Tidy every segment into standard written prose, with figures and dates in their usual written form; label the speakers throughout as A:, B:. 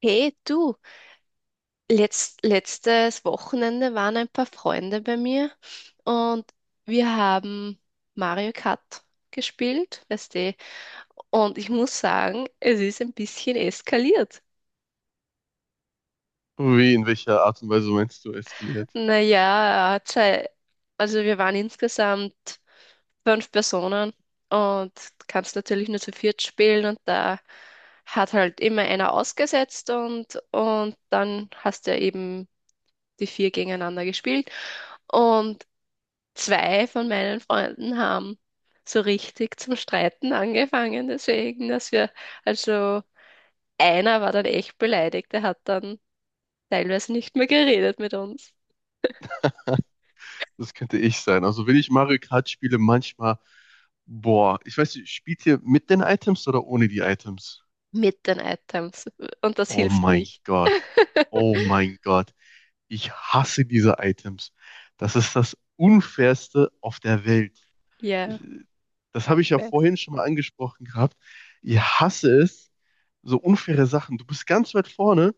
A: Hey, du, letztes Wochenende waren ein paar Freunde bei mir und wir haben Mario Kart gespielt, weißt du, und ich muss sagen, es ist ein bisschen eskaliert.
B: Wie, in welcher Art und Weise meinst du eskaliert?
A: Naja, also wir waren insgesamt fünf Personen und kannst natürlich nur zu viert spielen und da hat halt immer einer ausgesetzt und dann hast du ja eben die vier gegeneinander gespielt. Und zwei von meinen Freunden haben so richtig zum Streiten angefangen, deswegen, dass wir, also einer war dann echt beleidigt, der hat dann teilweise nicht mehr geredet mit uns,
B: Das könnte ich sein. Also, wenn ich Mario Kart spiele, manchmal, boah, ich weiß nicht, spielt ihr mit den Items oder ohne die Items?
A: mit den Items. Und das
B: Oh
A: hilft
B: mein
A: nicht.
B: Gott. Oh mein Gott. Ich hasse diese Items. Das ist das Unfairste auf der Welt.
A: Ja,
B: Ich- Das habe ich
A: ich
B: ja
A: weiß.
B: vorhin schon mal angesprochen gehabt. Ich hasse es, so unfaire Sachen. Du bist ganz weit vorne.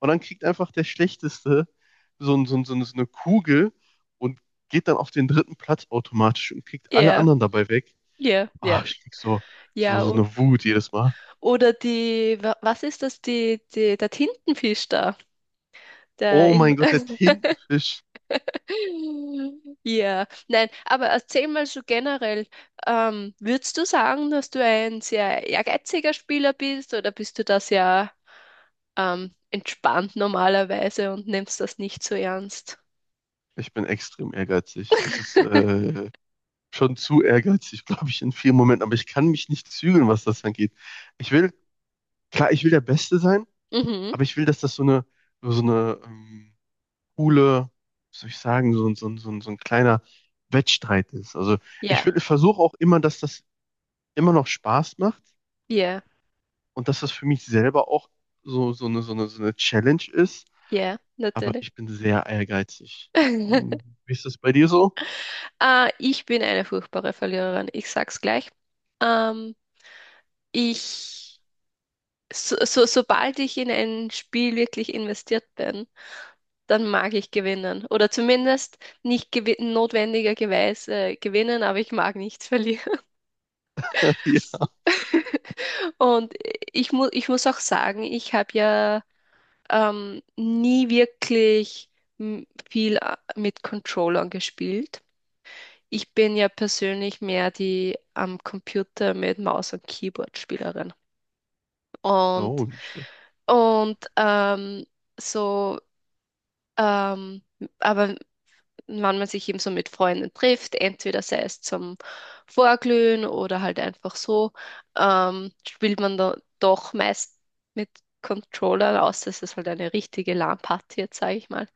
B: Und dann kriegt einfach der Schlechteste so eine Kugel und geht dann auf den dritten Platz automatisch und kriegt alle
A: Ja,
B: anderen dabei weg.
A: ja,
B: Ah,
A: ja.
B: ich krieg so, so,
A: Ja,
B: so
A: o-
B: eine Wut jedes Mal.
A: oder die, was ist das, die, die, der Tintenfisch da, der
B: Oh
A: im,
B: mein Gott, der Tintenfisch.
A: Ja, nein, aber erzähl mal so generell, würdest du sagen, dass du ein sehr ehrgeiziger Spieler bist oder bist du das ja entspannt normalerweise und nimmst das nicht so ernst?
B: Ich bin extrem ehrgeizig. Das ist schon zu ehrgeizig, glaube ich, in vielen Momenten. Aber ich kann mich nicht zügeln, was das angeht. Ich will, klar, ich will der Beste sein,
A: Mhm.
B: aber ich will, dass das so eine coole, was soll ich sagen, so ein kleiner Wettstreit ist. Also ich,
A: Ja,
B: will- ich versuche auch immer, dass das immer noch Spaß macht
A: ja,
B: und dass das für mich selber auch so eine Challenge ist.
A: ja,
B: Aber
A: natürlich.
B: ich bin sehr ehrgeizig. Hm, wie ist das bei dir so?
A: Ah, ich bin eine furchtbare Verliererin, ich sag's gleich. Ähm, ich, sobald ich in ein Spiel wirklich investiert bin, dann mag ich gewinnen. Oder zumindest nicht gewinnen, aber ich mag nichts verlieren.
B: Ja.
A: Und ich muss auch sagen, ich habe ja nie wirklich viel mit Controllern gespielt. Ich bin ja persönlich mehr die am Computer mit Maus und Keyboard Spielerin.
B: Oh,
A: Und,
B: nicht schlecht.
A: und so, ähm, aber wann man sich eben so mit Freunden trifft, entweder sei es zum Vorglühen oder halt einfach so, spielt man da doch meist mit Controllern, außer es ist halt eine richtige LAN-Party jetzt, sage ich mal.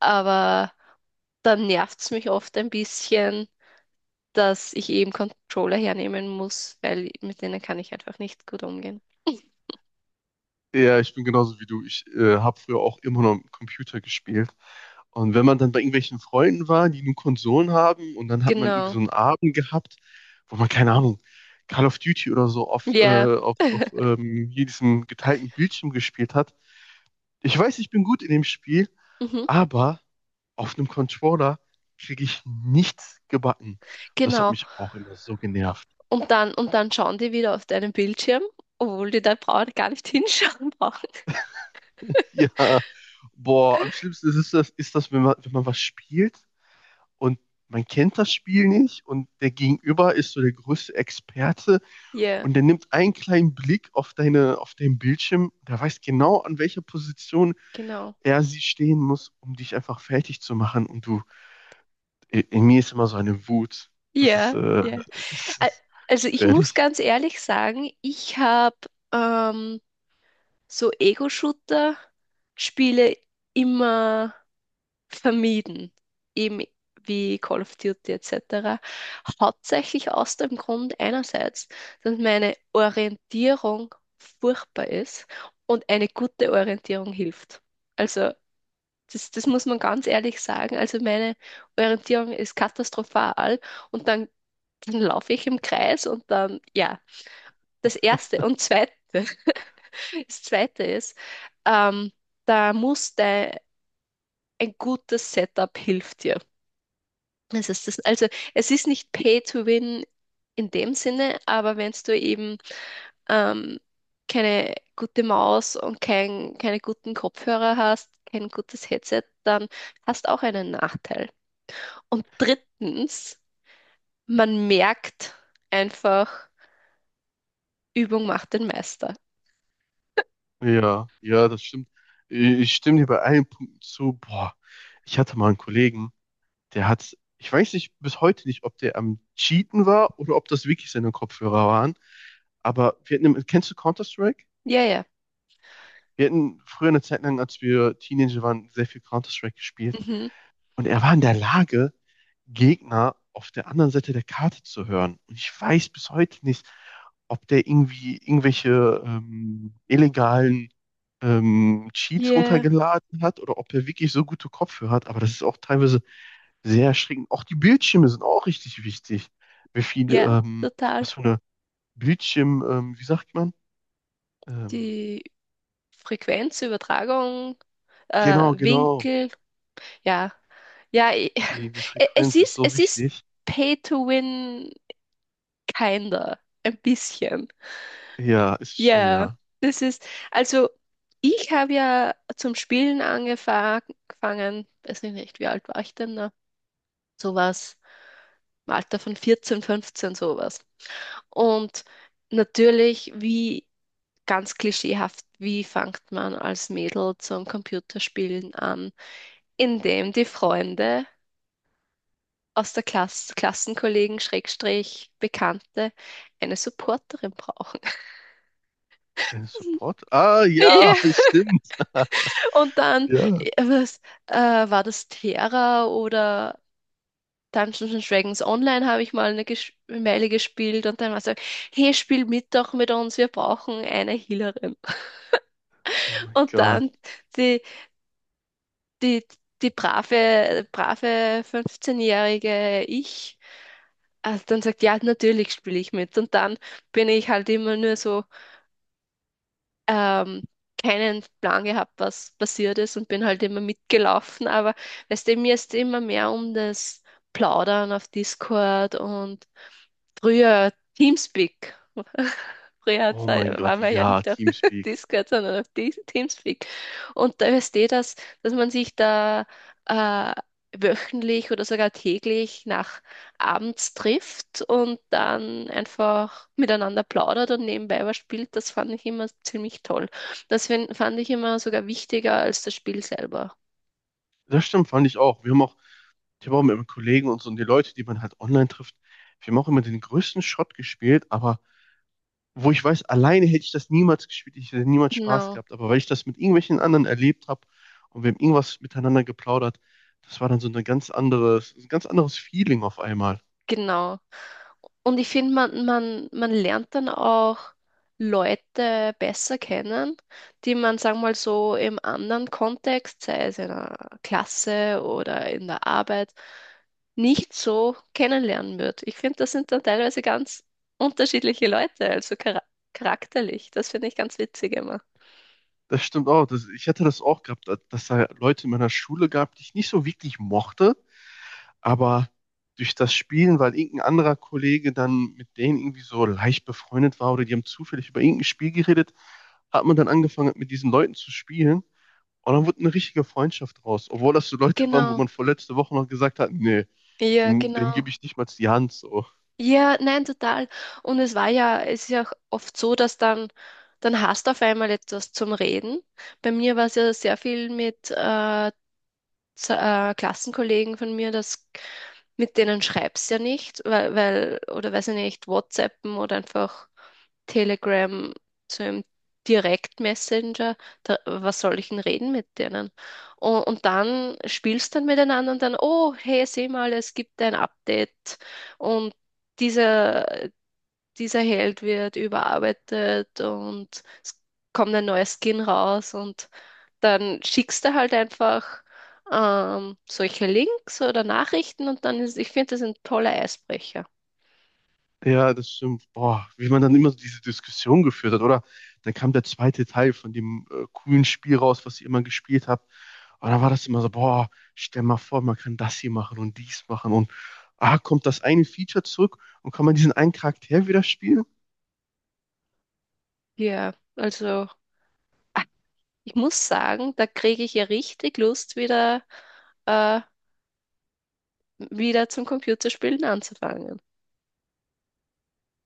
A: Aber dann nervt es mich oft ein bisschen, dass ich eben Controller hernehmen muss, weil mit denen kann ich einfach nicht gut umgehen.
B: Ja, ich bin genauso wie du. Ich habe früher auch immer noch am Computer gespielt. Und wenn man dann bei irgendwelchen Freunden war, die nur Konsolen haben, und dann hat man irgendwie so
A: Genau.
B: einen Abend gehabt, wo man, keine Ahnung, Call of Duty oder so auf,
A: Ja.
B: äh, auf, auf ähm, hier diesem geteilten Bildschirm gespielt hat. Ich weiß, ich bin gut in dem Spiel,
A: Mhm.
B: aber auf einem Controller kriege ich nichts gebacken. Und das hat
A: Genau.
B: mich auch immer so genervt.
A: Und dann schauen die wieder auf deinen Bildschirm, obwohl die da brauchen, gar nicht hinschauen brauchen.
B: Ja, boah, am schlimmsten ist es das, wenn man was spielt und man kennt das Spiel nicht und der Gegenüber ist so der größte Experte
A: Ja,
B: und der nimmt einen kleinen Blick auf auf deinen Bildschirm, der weiß genau, an welcher Position
A: genau.
B: er sie stehen muss, um dich einfach fertig zu machen. Und du, in mir ist immer so eine Wut. Das ist,
A: Ja,
B: äh,
A: ja.
B: das
A: Ä-
B: ist
A: Also ich muss
B: gefährlich.
A: ganz ehrlich sagen, ich habe ähm, so Ego-Shooter-Spiele immer vermieden, eben wie Call of Duty etc. Hauptsächlich aus dem Grund einerseits, dass meine Orientierung furchtbar ist und eine gute Orientierung hilft. Also das muss man ganz ehrlich sagen. Also meine Orientierung ist katastrophal und dann, dann laufe ich im Kreis und dann, ja, das Erste und Zweite, das Zweite ist, ähm, da muss ein gutes Setup hilft dir. Das ist das, also es ist nicht Pay to Win in dem Sinne, aber wenn du eben ähm, keine gute Maus und keine guten Kopfhörer hast, kein gutes Headset, dann hast du auch einen Nachteil. Und drittens, man merkt einfach, Übung macht den Meister.
B: Ja, ja, das stimmt. Ich stimme dir bei allen Punkten zu. Boah, ich hatte mal einen Kollegen. Der hat, ich weiß nicht bis heute nicht, ob der am Cheaten war oder ob das wirklich seine Kopfhörer waren. Aber wir hatten, im- kennst du Counter-Strike?
A: Ja, ja.
B: Wir hatten früher eine Zeit lang, als wir Teenager waren, sehr viel Counter-Strike gespielt.
A: Mhm.
B: Und er war in der Lage, Gegner auf der anderen Seite der Karte zu hören. Und ich weiß bis heute nicht, ob der irgendwie irgendwelche illegalen Cheats
A: Ja,
B: runtergeladen hat oder ob er wirklich so gute Kopfhörer hat. Aber das ist auch teilweise sehr erschreckend. Auch die Bildschirme sind auch richtig wichtig. Wie viel,
A: ja, total.
B: was für eine Bildschirm, wie sagt man? Ähm,
A: Die Frequenzübertragung,
B: genau, genau.
A: Winkel, Ja, ja,
B: Die Frequenz ist so
A: es ist
B: wichtig.
A: Pay to Win, kinder, ein bisschen.
B: Ja, ist es schon,
A: Ja,
B: ja.
A: das ist, also ich habe ja zum Spielen angefangen, weiß ich nicht, wie alt war ich denn da? Sowas, im Alter von 14, 15, sowas. Und natürlich, wie ganz klischeehaft, wie fängt man als Mädel zum Computerspielen an? Indem die Freunde aus der Klasse, Klassenkollegen, Schrägstrich, Bekannte eine Supporterin brauchen.
B: Support? Ah,
A: Ja,
B: ja, stimmt.
A: und dann
B: Ja.
A: äh, was, war das Terra oder Dungeons and Dragons Online, habe ich mal eine Ges Meile gespielt und dann war es so, hey, spiel mit doch mit uns, wir brauchen eine Healerin.
B: Oh mein
A: Und
B: Gott.
A: dann die, die, die brave 15-jährige ich, also dann sagt, ja, natürlich spiele ich mit. Und dann bin ich halt immer nur so ähm, keinen Plan gehabt, was passiert ist und bin halt immer mitgelaufen. Aber weißt du, mir ist immer mehr um das Plaudern auf Discord und früher Teamspeak. Früher
B: Oh mein
A: ja,
B: Gott,
A: waren wir ja
B: ja,
A: nicht auf
B: Teamspeak.
A: Discord, sondern auf Teamspeak. Und da ist eh das, dass man sich da äh, wöchentlich oder sogar täglich nach abends trifft und dann einfach miteinander plaudert und nebenbei was spielt, das fand ich immer ziemlich toll. Das fand ich immer sogar wichtiger als das Spiel selber.
B: Das stimmt, fand ich auch. Wir haben auch, ich habe auch mit meinen Kollegen und so und die Leute, die man halt online trifft, wir haben auch immer den größten Schrott gespielt, aber wo ich weiß, alleine hätte ich das niemals gespielt, ich hätte niemals Spaß
A: Genau.
B: gehabt. Aber weil ich das mit irgendwelchen anderen erlebt habe und wir haben irgendwas miteinander geplaudert, das war dann so eine ganz anderes, ein ganz anderes Feeling auf einmal.
A: Genau. Und ich finde, man lernt dann auch Leute besser kennen, die man, sagen wir mal so, im anderen Kontext, sei es in einer Klasse oder in der Arbeit, nicht so kennenlernen wird. Ich finde, das sind dann teilweise ganz unterschiedliche Leute, also charakterlich. Das finde ich ganz witzig immer.
B: Das stimmt auch. Das, ich hatte das auch gehabt, dass da Leute in meiner Schule gab, die ich nicht so wirklich mochte, aber durch das Spielen, weil irgendein anderer Kollege dann mit denen irgendwie so leicht befreundet war oder die haben zufällig über irgendein Spiel geredet, hat man dann angefangen, mit diesen Leuten zu spielen. Und dann wurde eine richtige Freundschaft draus, obwohl das so Leute waren, wo
A: Genau.
B: man vor letzte Woche noch gesagt hat, nee,
A: Ja,
B: dem gebe
A: genau.
B: ich nicht mal die Hand so.
A: Ja, nein, total. Es ist ja auch oft so, dann hast du auf einmal etwas zum Reden. Bei mir war es ja sehr viel mit Klassenkollegen von mir, das, mit denen schreibst ja nicht, oder weiß ich nicht, WhatsAppen oder einfach Telegram zu einem Direktmessenger, da, was soll ich denn reden mit denen? Und dann spielst dann miteinander und dann, oh, hey, seh mal, es gibt ein Update und diese dieser Held wird überarbeitet und es kommt ein neuer Skin raus und dann schickst du halt einfach solche Links oder Nachrichten und dann ist, ich finde, das sind tolle Eisbrecher.
B: Ja, das stimmt. Boah, wie man dann immer so diese Diskussion geführt hat, oder? Dann kam der zweite Teil von dem coolen Spiel raus, was ich immer gespielt habe. Und dann war das immer so, boah, stell mal vor, man kann das hier machen und dies machen und ah, kommt das eine Feature zurück und kann man diesen einen Charakter wieder spielen?
A: Ja, also ah, ich muss sagen, da kriege ich ja richtig Lust, wieder, äh, wieder zum Computerspielen anzufangen.